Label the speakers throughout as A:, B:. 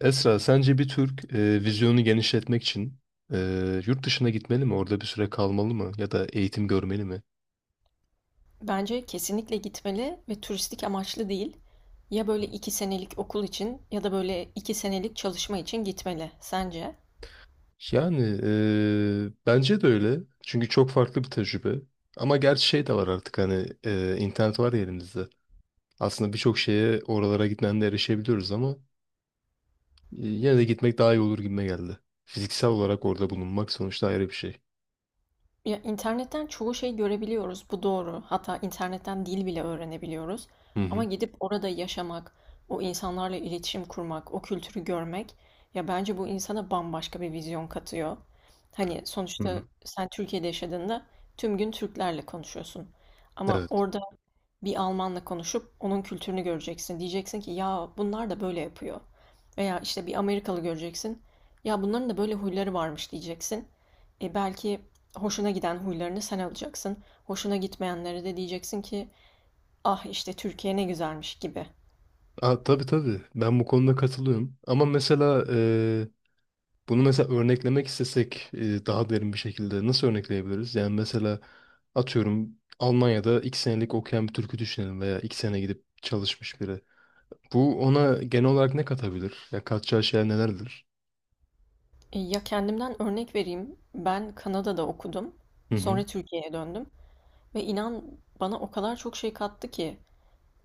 A: Esra, sence bir Türk vizyonu genişletmek için yurt dışına gitmeli mi? Orada bir süre kalmalı mı? Ya da eğitim görmeli mi?
B: Bence kesinlikle gitmeli ve turistik amaçlı değil. Ya böyle 2 senelik okul için ya da böyle 2 senelik çalışma için gitmeli sence?
A: Yani bence de öyle. Çünkü çok farklı bir tecrübe. Ama gerçi şey de var artık hani internet var ya elimizde. Aslında birçok şeye oralara gitmeden de erişebiliyoruz ama yine de gitmek daha iyi olur gibime geldi. Fiziksel olarak orada bulunmak sonuçta ayrı bir şey.
B: Ya internetten çoğu şey görebiliyoruz, bu doğru. Hatta internetten dil bile öğrenebiliyoruz.
A: Hı
B: Ama
A: hı.
B: gidip orada yaşamak, o insanlarla iletişim kurmak, o kültürü görmek, ya bence bu insana bambaşka bir vizyon katıyor. Hani
A: Hı hı.
B: sonuçta sen Türkiye'de yaşadığında tüm gün Türklerle konuşuyorsun. Ama
A: Evet.
B: orada bir Almanla konuşup onun kültürünü göreceksin. Diyeceksin ki ya bunlar da böyle yapıyor. Veya işte bir Amerikalı göreceksin. Ya bunların da böyle huyları varmış diyeceksin. E belki hoşuna giden huylarını sen alacaksın. Hoşuna gitmeyenlere de diyeceksin ki ah işte Türkiye ne güzelmiş gibi.
A: Aa, tabii tabii. Ben bu konuda katılıyorum. Ama mesela bunu mesela örneklemek istesek daha derin bir şekilde nasıl örnekleyebiliriz? Yani mesela atıyorum Almanya'da iki senelik okuyan bir Türk'ü düşünelim veya iki sene gidip çalışmış biri. Bu ona genel olarak ne katabilir? Ya katacağı şeyler nelerdir?
B: Ya kendimden örnek vereyim. Ben Kanada'da okudum.
A: Hı hı.
B: Sonra Türkiye'ye döndüm. Ve inan bana o kadar çok şey kattı ki.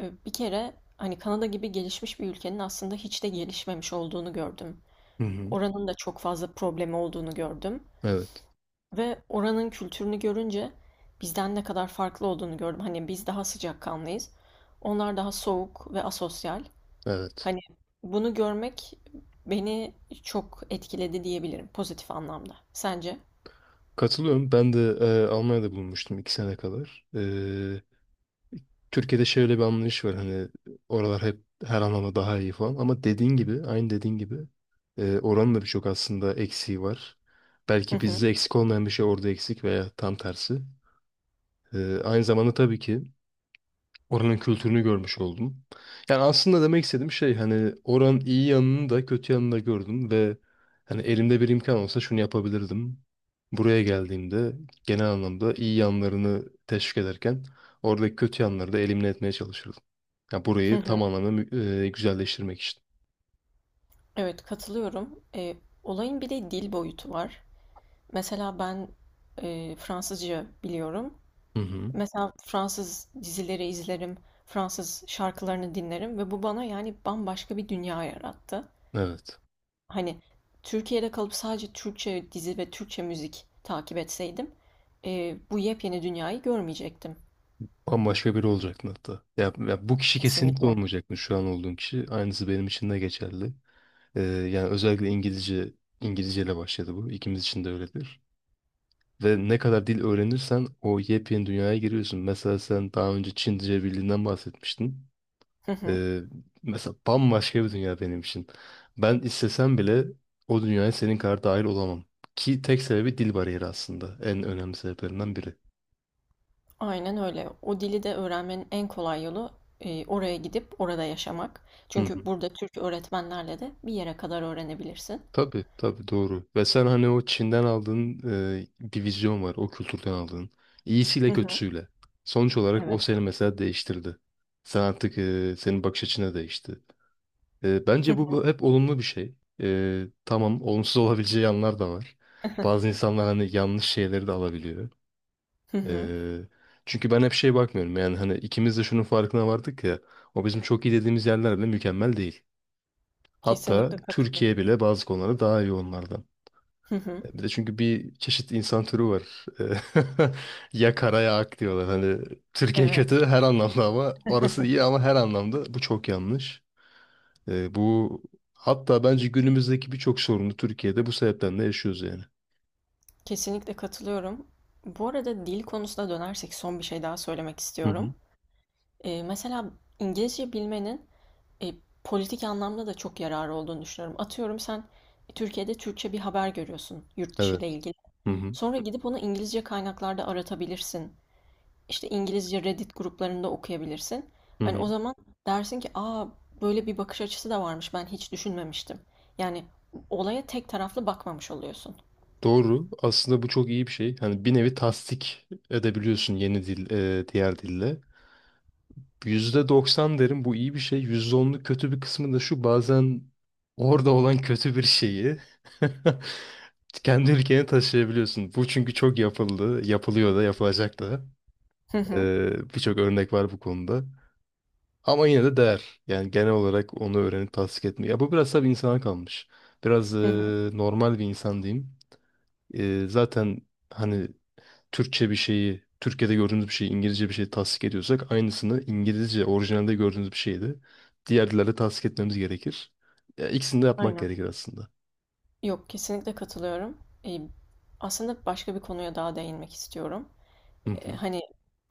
B: Bir kere hani Kanada gibi gelişmiş bir ülkenin aslında hiç de gelişmemiş olduğunu gördüm.
A: Hı hı.
B: Oranın da çok fazla problemi olduğunu gördüm
A: Evet.
B: ve oranın kültürünü görünce bizden ne kadar farklı olduğunu gördüm. Hani biz daha sıcakkanlıyız. Onlar daha soğuk ve asosyal.
A: Evet.
B: Hani bunu görmek beni çok etkiledi diyebilirim pozitif anlamda. Sence?
A: Katılıyorum. Ben de Almanya'da bulunmuştum iki sene kadar. Türkiye'de şöyle bir anlayış var hani oralar hep her anlamda daha iyi falan ama dediğin gibi aynı dediğin gibi oranın da birçok aslında eksiği var.
B: Hı
A: Belki
B: hı,
A: bizde eksik olmayan bir şey orada eksik veya tam tersi. Aynı zamanda tabii ki oranın kültürünü görmüş oldum. Yani aslında demek istediğim şey hani oranın iyi yanını da kötü yanını da gördüm ve hani elimde bir imkan olsa şunu yapabilirdim. Buraya geldiğimde genel anlamda iyi yanlarını teşvik ederken oradaki kötü yanları da elimine etmeye çalışırdım. Yani
B: hı
A: burayı tam
B: hı.
A: anlamda güzelleştirmek için.
B: Evet, katılıyorum. Olayın bir de dil boyutu var. Mesela ben Fransızca biliyorum.
A: Hı hı.
B: Mesela Fransız dizileri izlerim, Fransız şarkılarını dinlerim ve bu bana yani bambaşka bir dünya yarattı.
A: Evet.
B: Hani Türkiye'de kalıp sadece Türkçe dizi ve Türkçe müzik takip etseydim, bu yepyeni dünyayı görmeyecektim.
A: Bambaşka biri olacaktın hatta. Ya bu kişi kesinlikle
B: Kesinlikle.
A: olmayacaktı şu an olduğun kişi. Aynısı benim için de geçerli. Yani özellikle İngilizceyle başladı bu. İkimiz için de öyledir. Ve ne kadar dil öğrenirsen o yepyeni dünyaya giriyorsun. Mesela sen daha önce Çince bildiğinden bahsetmiştin.
B: Hı hı.
A: Ee, mesela bambaşka bir dünya benim için. Ben istesem bile o dünyaya senin kadar dahil olamam. Ki tek sebebi dil bariyeri aslında. En önemli sebeplerinden biri.
B: Aynen öyle. O dili de öğrenmenin en kolay yolu oraya gidip orada yaşamak.
A: Hı.
B: Çünkü burada Türk öğretmenlerle de bir yere kadar öğrenebilirsin.
A: Tabii tabii, doğru. Ve sen hani o Çin'den aldığın bir vizyon var. O kültürden aldığın. İyisiyle
B: Hı hı.
A: kötüsüyle. Sonuç olarak o
B: Evet.
A: seni mesela değiştirdi. Sen artık senin bakış açına değişti. Bence bu hep olumlu bir şey. Tamam, olumsuz olabileceği yanlar da var. Bazı insanlar hani yanlış şeyleri de alabiliyor.
B: Hı hı.
A: E, çünkü ben hep şey bakmıyorum. Yani hani ikimiz de şunun farkına vardık ya. O bizim çok iyi dediğimiz yerler bile mükemmel değil. Hatta
B: Kesinlikle katılıyorum.
A: Türkiye bile bazı konularda daha iyi onlardan.
B: Hı hı.
A: Bir de çünkü bir çeşit insan türü var. Eee, Ya kara ya ak diyorlar. Hani Türkiye
B: Evet.
A: kötü her anlamda ama orası iyi ama her anlamda bu çok yanlış. Bu hatta bence günümüzdeki birçok sorunu Türkiye'de bu sebepten de yaşıyoruz yani.
B: Kesinlikle katılıyorum. Bu arada dil konusuna dönersek son bir şey daha söylemek
A: Hı hı.
B: istiyorum. Mesela İngilizce bilmenin e, politik anlamda da çok yararı olduğunu düşünüyorum. Atıyorum sen Türkiye'de Türkçe bir haber görüyorsun yurt dışı ile
A: Evet.
B: ilgili.
A: Hı hı.
B: Sonra gidip onu İngilizce kaynaklarda aratabilirsin. İşte İngilizce Reddit gruplarında okuyabilirsin.
A: Hı
B: Hani
A: hı.
B: o zaman dersin ki aa böyle bir bakış açısı da varmış, ben hiç düşünmemiştim. Yani olaya tek taraflı bakmamış oluyorsun.
A: Doğru. Aslında bu çok iyi bir şey. Hani bir nevi tasdik edebiliyorsun yeni dil, diğer dille. %90 derim bu iyi bir şey. %10'luk kötü bir kısmı da şu: bazen orada olan kötü bir şeyi kendi ülkeni taşıyabiliyorsun. Bu çünkü çok yapıldı, yapılıyor da, yapılacak da.
B: Hı hı.
A: Birçok örnek var bu konuda. Ama yine de değer. Yani genel olarak onu öğrenip tasdik etmiyor. Ya bu biraz tabii insana kalmış. Biraz
B: Hı hı.
A: normal bir insan diyeyim. Zaten hani Türkçe bir şeyi, Türkiye'de gördüğümüz bir şeyi, İngilizce bir şeyi tasdik ediyorsak aynısını İngilizce orijinalde gördüğümüz bir şeyi de diğer dillerde tasdik etmemiz gerekir. Ya, ikisini de yapmak
B: Aynen.
A: gerekir aslında.
B: Yok, kesinlikle katılıyorum. Eee, aslında başka bir konuya daha değinmek istiyorum.
A: Hı hı.
B: Hani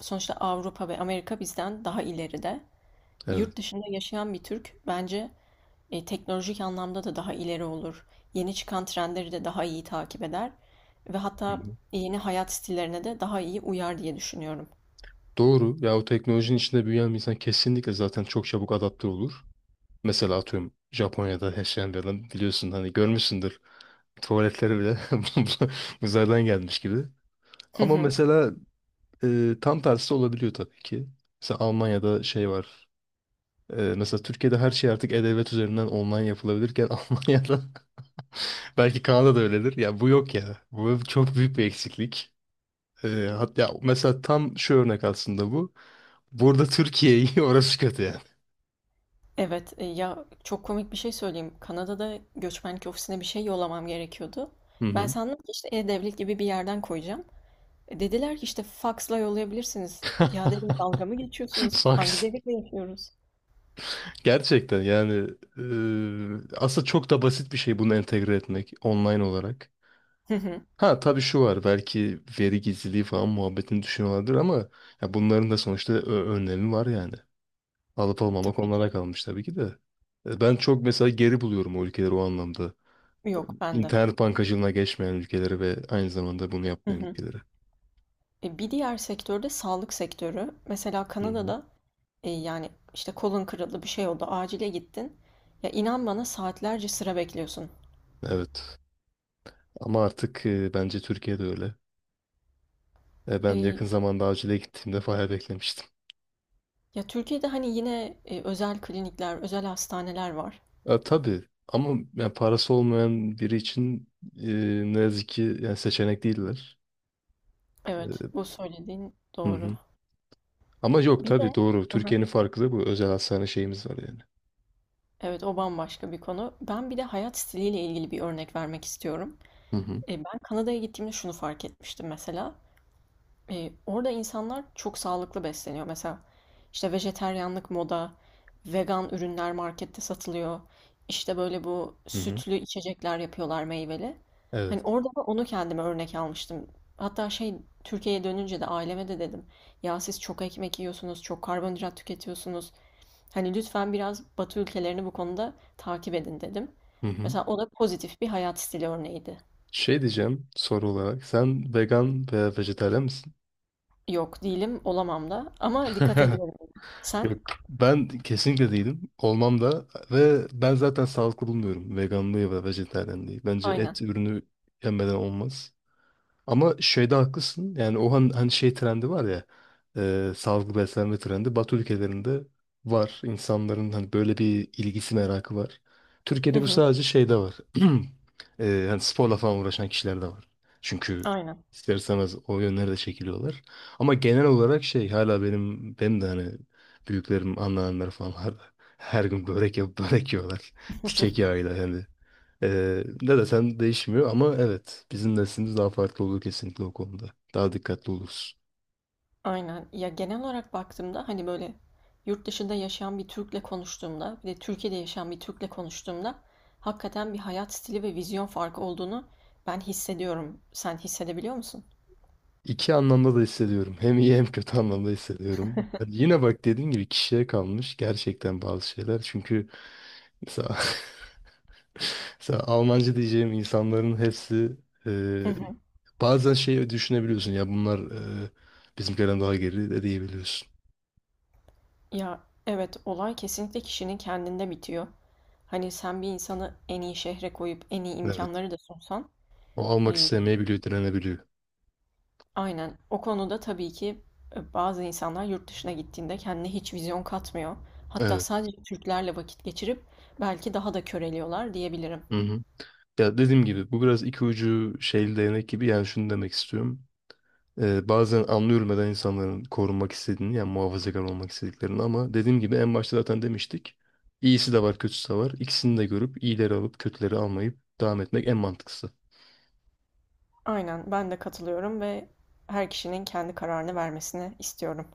B: sonuçta Avrupa ve Amerika bizden daha ileride.
A: Evet.
B: Yurt dışında yaşayan bir Türk bence teknolojik anlamda da daha ileri olur. Yeni çıkan trendleri de daha iyi takip eder ve
A: Hı
B: hatta
A: hı.
B: yeni hayat stillerine de daha iyi uyar diye düşünüyorum.
A: Doğru. Ya o teknolojinin içinde büyüyen bir insan kesinlikle zaten çok çabuk adapte olur. Mesela atıyorum Japonya'da yaşayan bir adam, biliyorsun hani görmüşsündür, tuvaletleri bile uzaydan gelmiş gibi.
B: Hı
A: Ama
B: hı.
A: mesela tam tersi olabiliyor tabii ki. Mesela Almanya'da şey var. Mesela Türkiye'de her şey artık e-devlet üzerinden online yapılabilirken Almanya'da, belki Kanada'da öyledir, ya bu yok ya. Bu çok büyük bir eksiklik. E, hatta mesela tam şu örnek aslında bu. Burada Türkiye'yi orası kötü.
B: Evet, ya çok komik bir şey söyleyeyim. Kanada'da göçmenlik ofisine bir şey yollamam gerekiyordu.
A: Hı
B: Ben
A: hı.
B: sandım ki işte e-devlet gibi bir yerden koyacağım. Dediler ki işte faksla yollayabilirsiniz. Ya dedim, dalga mı geçiyorsunuz?
A: Bak,
B: Hangi devirde yaşıyoruz?
A: gerçekten yani aslında çok da basit bir şey bunu entegre etmek online olarak.
B: Hı hı.
A: Ha tabii şu var, belki veri gizliliği falan muhabbetini düşünüyorlardır ama ya bunların da sonuçta önlemi var yani. Alıp almamak
B: Tabii
A: onlara
B: ki.
A: kalmış tabii ki de. Ben çok mesela geri buluyorum o ülkeleri o anlamda.
B: Yok bende.
A: İnternet bankacılığına geçmeyen ülkeleri ve aynı zamanda bunu
B: Hı
A: yapmayan
B: hı.
A: ülkeleri.
B: Bir diğer sektörde sağlık sektörü. Mesela
A: Hı hı.
B: Kanada'da yani işte kolun kırıldı, bir şey oldu, acile gittin. Ya inan bana saatlerce sıra bekliyorsun.
A: Evet, ama artık bence Türkiye'de öyle. Ben
B: E,
A: yakın zamanda acile gittiğimde bayağı beklemiştim.
B: ya Türkiye'de hani yine özel klinikler, özel hastaneler var.
A: Ya, tabii, ama yani parası olmayan biri için e, ne yazık ki yani seçenek değiller.
B: Evet,
A: E,
B: bu söylediğin
A: hı
B: doğru.
A: hı. Ama yok,
B: Bir
A: tabii
B: de
A: doğru.
B: hı hı.
A: Türkiye'nin farkı da bu. Özel hastane şeyimiz var yani.
B: Evet, o bambaşka bir konu. Ben bir de hayat stiliyle ilgili bir örnek vermek istiyorum.
A: Hı hı.
B: Ben Kanada'ya gittiğimde şunu fark etmiştim mesela. Orada insanlar çok sağlıklı besleniyor. Mesela işte vejeteryanlık moda, vegan ürünler markette satılıyor. İşte böyle bu
A: Hı hı.
B: sütlü içecekler yapıyorlar meyveli. Hani
A: Evet.
B: orada da onu kendime örnek almıştım. Hatta şey, Türkiye'ye dönünce de aileme de dedim. Ya siz çok ekmek yiyorsunuz, çok karbonhidrat tüketiyorsunuz. Hani lütfen biraz Batı ülkelerini bu konuda takip edin dedim.
A: Hı hı.
B: Mesela o da pozitif bir hayat stili örneğiydi.
A: Şey diyeceğim soru olarak: sen vegan veya vejetaryen misin?
B: Yok, değilim, olamam da, ama dikkat ediyorum. Sen?
A: Yok. Ben kesinlikle değilim. Olmam da, ve ben zaten sağlıklı bulmuyorum veganlığı ve vejetaryenliği. Bence
B: Aynen.
A: et ürünü yemeden olmaz. Ama şeyde haklısın. Yani o hani şey trendi var ya. Sağlıklı beslenme trendi. Batı ülkelerinde var. İnsanların hani böyle bir ilgisi, merakı var.
B: Hı
A: Türkiye'de bu
B: hı.
A: sadece şeyde var. Hani sporla falan uğraşan kişiler de var. Çünkü
B: Aynen.
A: ister istemez o yönlere de çekiliyorlar. Ama genel olarak şey, hala benim de hani büyüklerim, anneannemler falan hala her gün börek yapıp börek yiyorlar. Çiçek yağıyla yani. Ne desen değişmiyor, ama evet bizim neslimiz daha farklı olur kesinlikle o konuda. Daha dikkatli oluruz.
B: Aynen. Ya genel olarak baktığımda hani böyle yurt dışında yaşayan bir Türk'le konuştuğumda bir de Türkiye'de yaşayan bir Türk'le konuştuğumda hakikaten bir hayat stili ve vizyon farkı olduğunu ben hissediyorum. Sen hissedebiliyor musun?
A: İki anlamda da hissediyorum. Hem iyi hem kötü anlamda hissediyorum. Yani yine bak, dediğim gibi kişiye kalmış gerçekten bazı şeyler. Çünkü mesela, mesela Almanca diyeceğim insanların hepsi e,
B: Hı hı.
A: bazen şey düşünebiliyorsun ya, bunlar e, bizimkilerden daha geri de diyebiliyorsun.
B: Ya evet, olay kesinlikle kişinin kendinde bitiyor. Hani sen bir insanı en iyi şehre koyup en iyi
A: Evet.
B: imkanları da sunsan
A: O almak
B: e,
A: istemeyebiliyor, direnebiliyor.
B: aynen. O konuda tabii ki bazı insanlar yurt dışına gittiğinde kendine hiç vizyon katmıyor. Hatta
A: Evet.
B: sadece Türklerle vakit geçirip belki daha da köreliyorlar diyebilirim.
A: Hı hı. Ya dediğim gibi bu biraz iki ucu şeyli değnek gibi, yani şunu demek istiyorum. Bazen anlıyorum neden insanların korunmak istediğini, yani muhafazakar olmak istediklerini, ama dediğim gibi en başta zaten demiştik. İyisi de var, kötüsü de var. İkisini de görüp iyileri alıp kötüleri almayıp devam etmek en mantıklısı.
B: Aynen, ben de katılıyorum ve her kişinin kendi kararını vermesini istiyorum.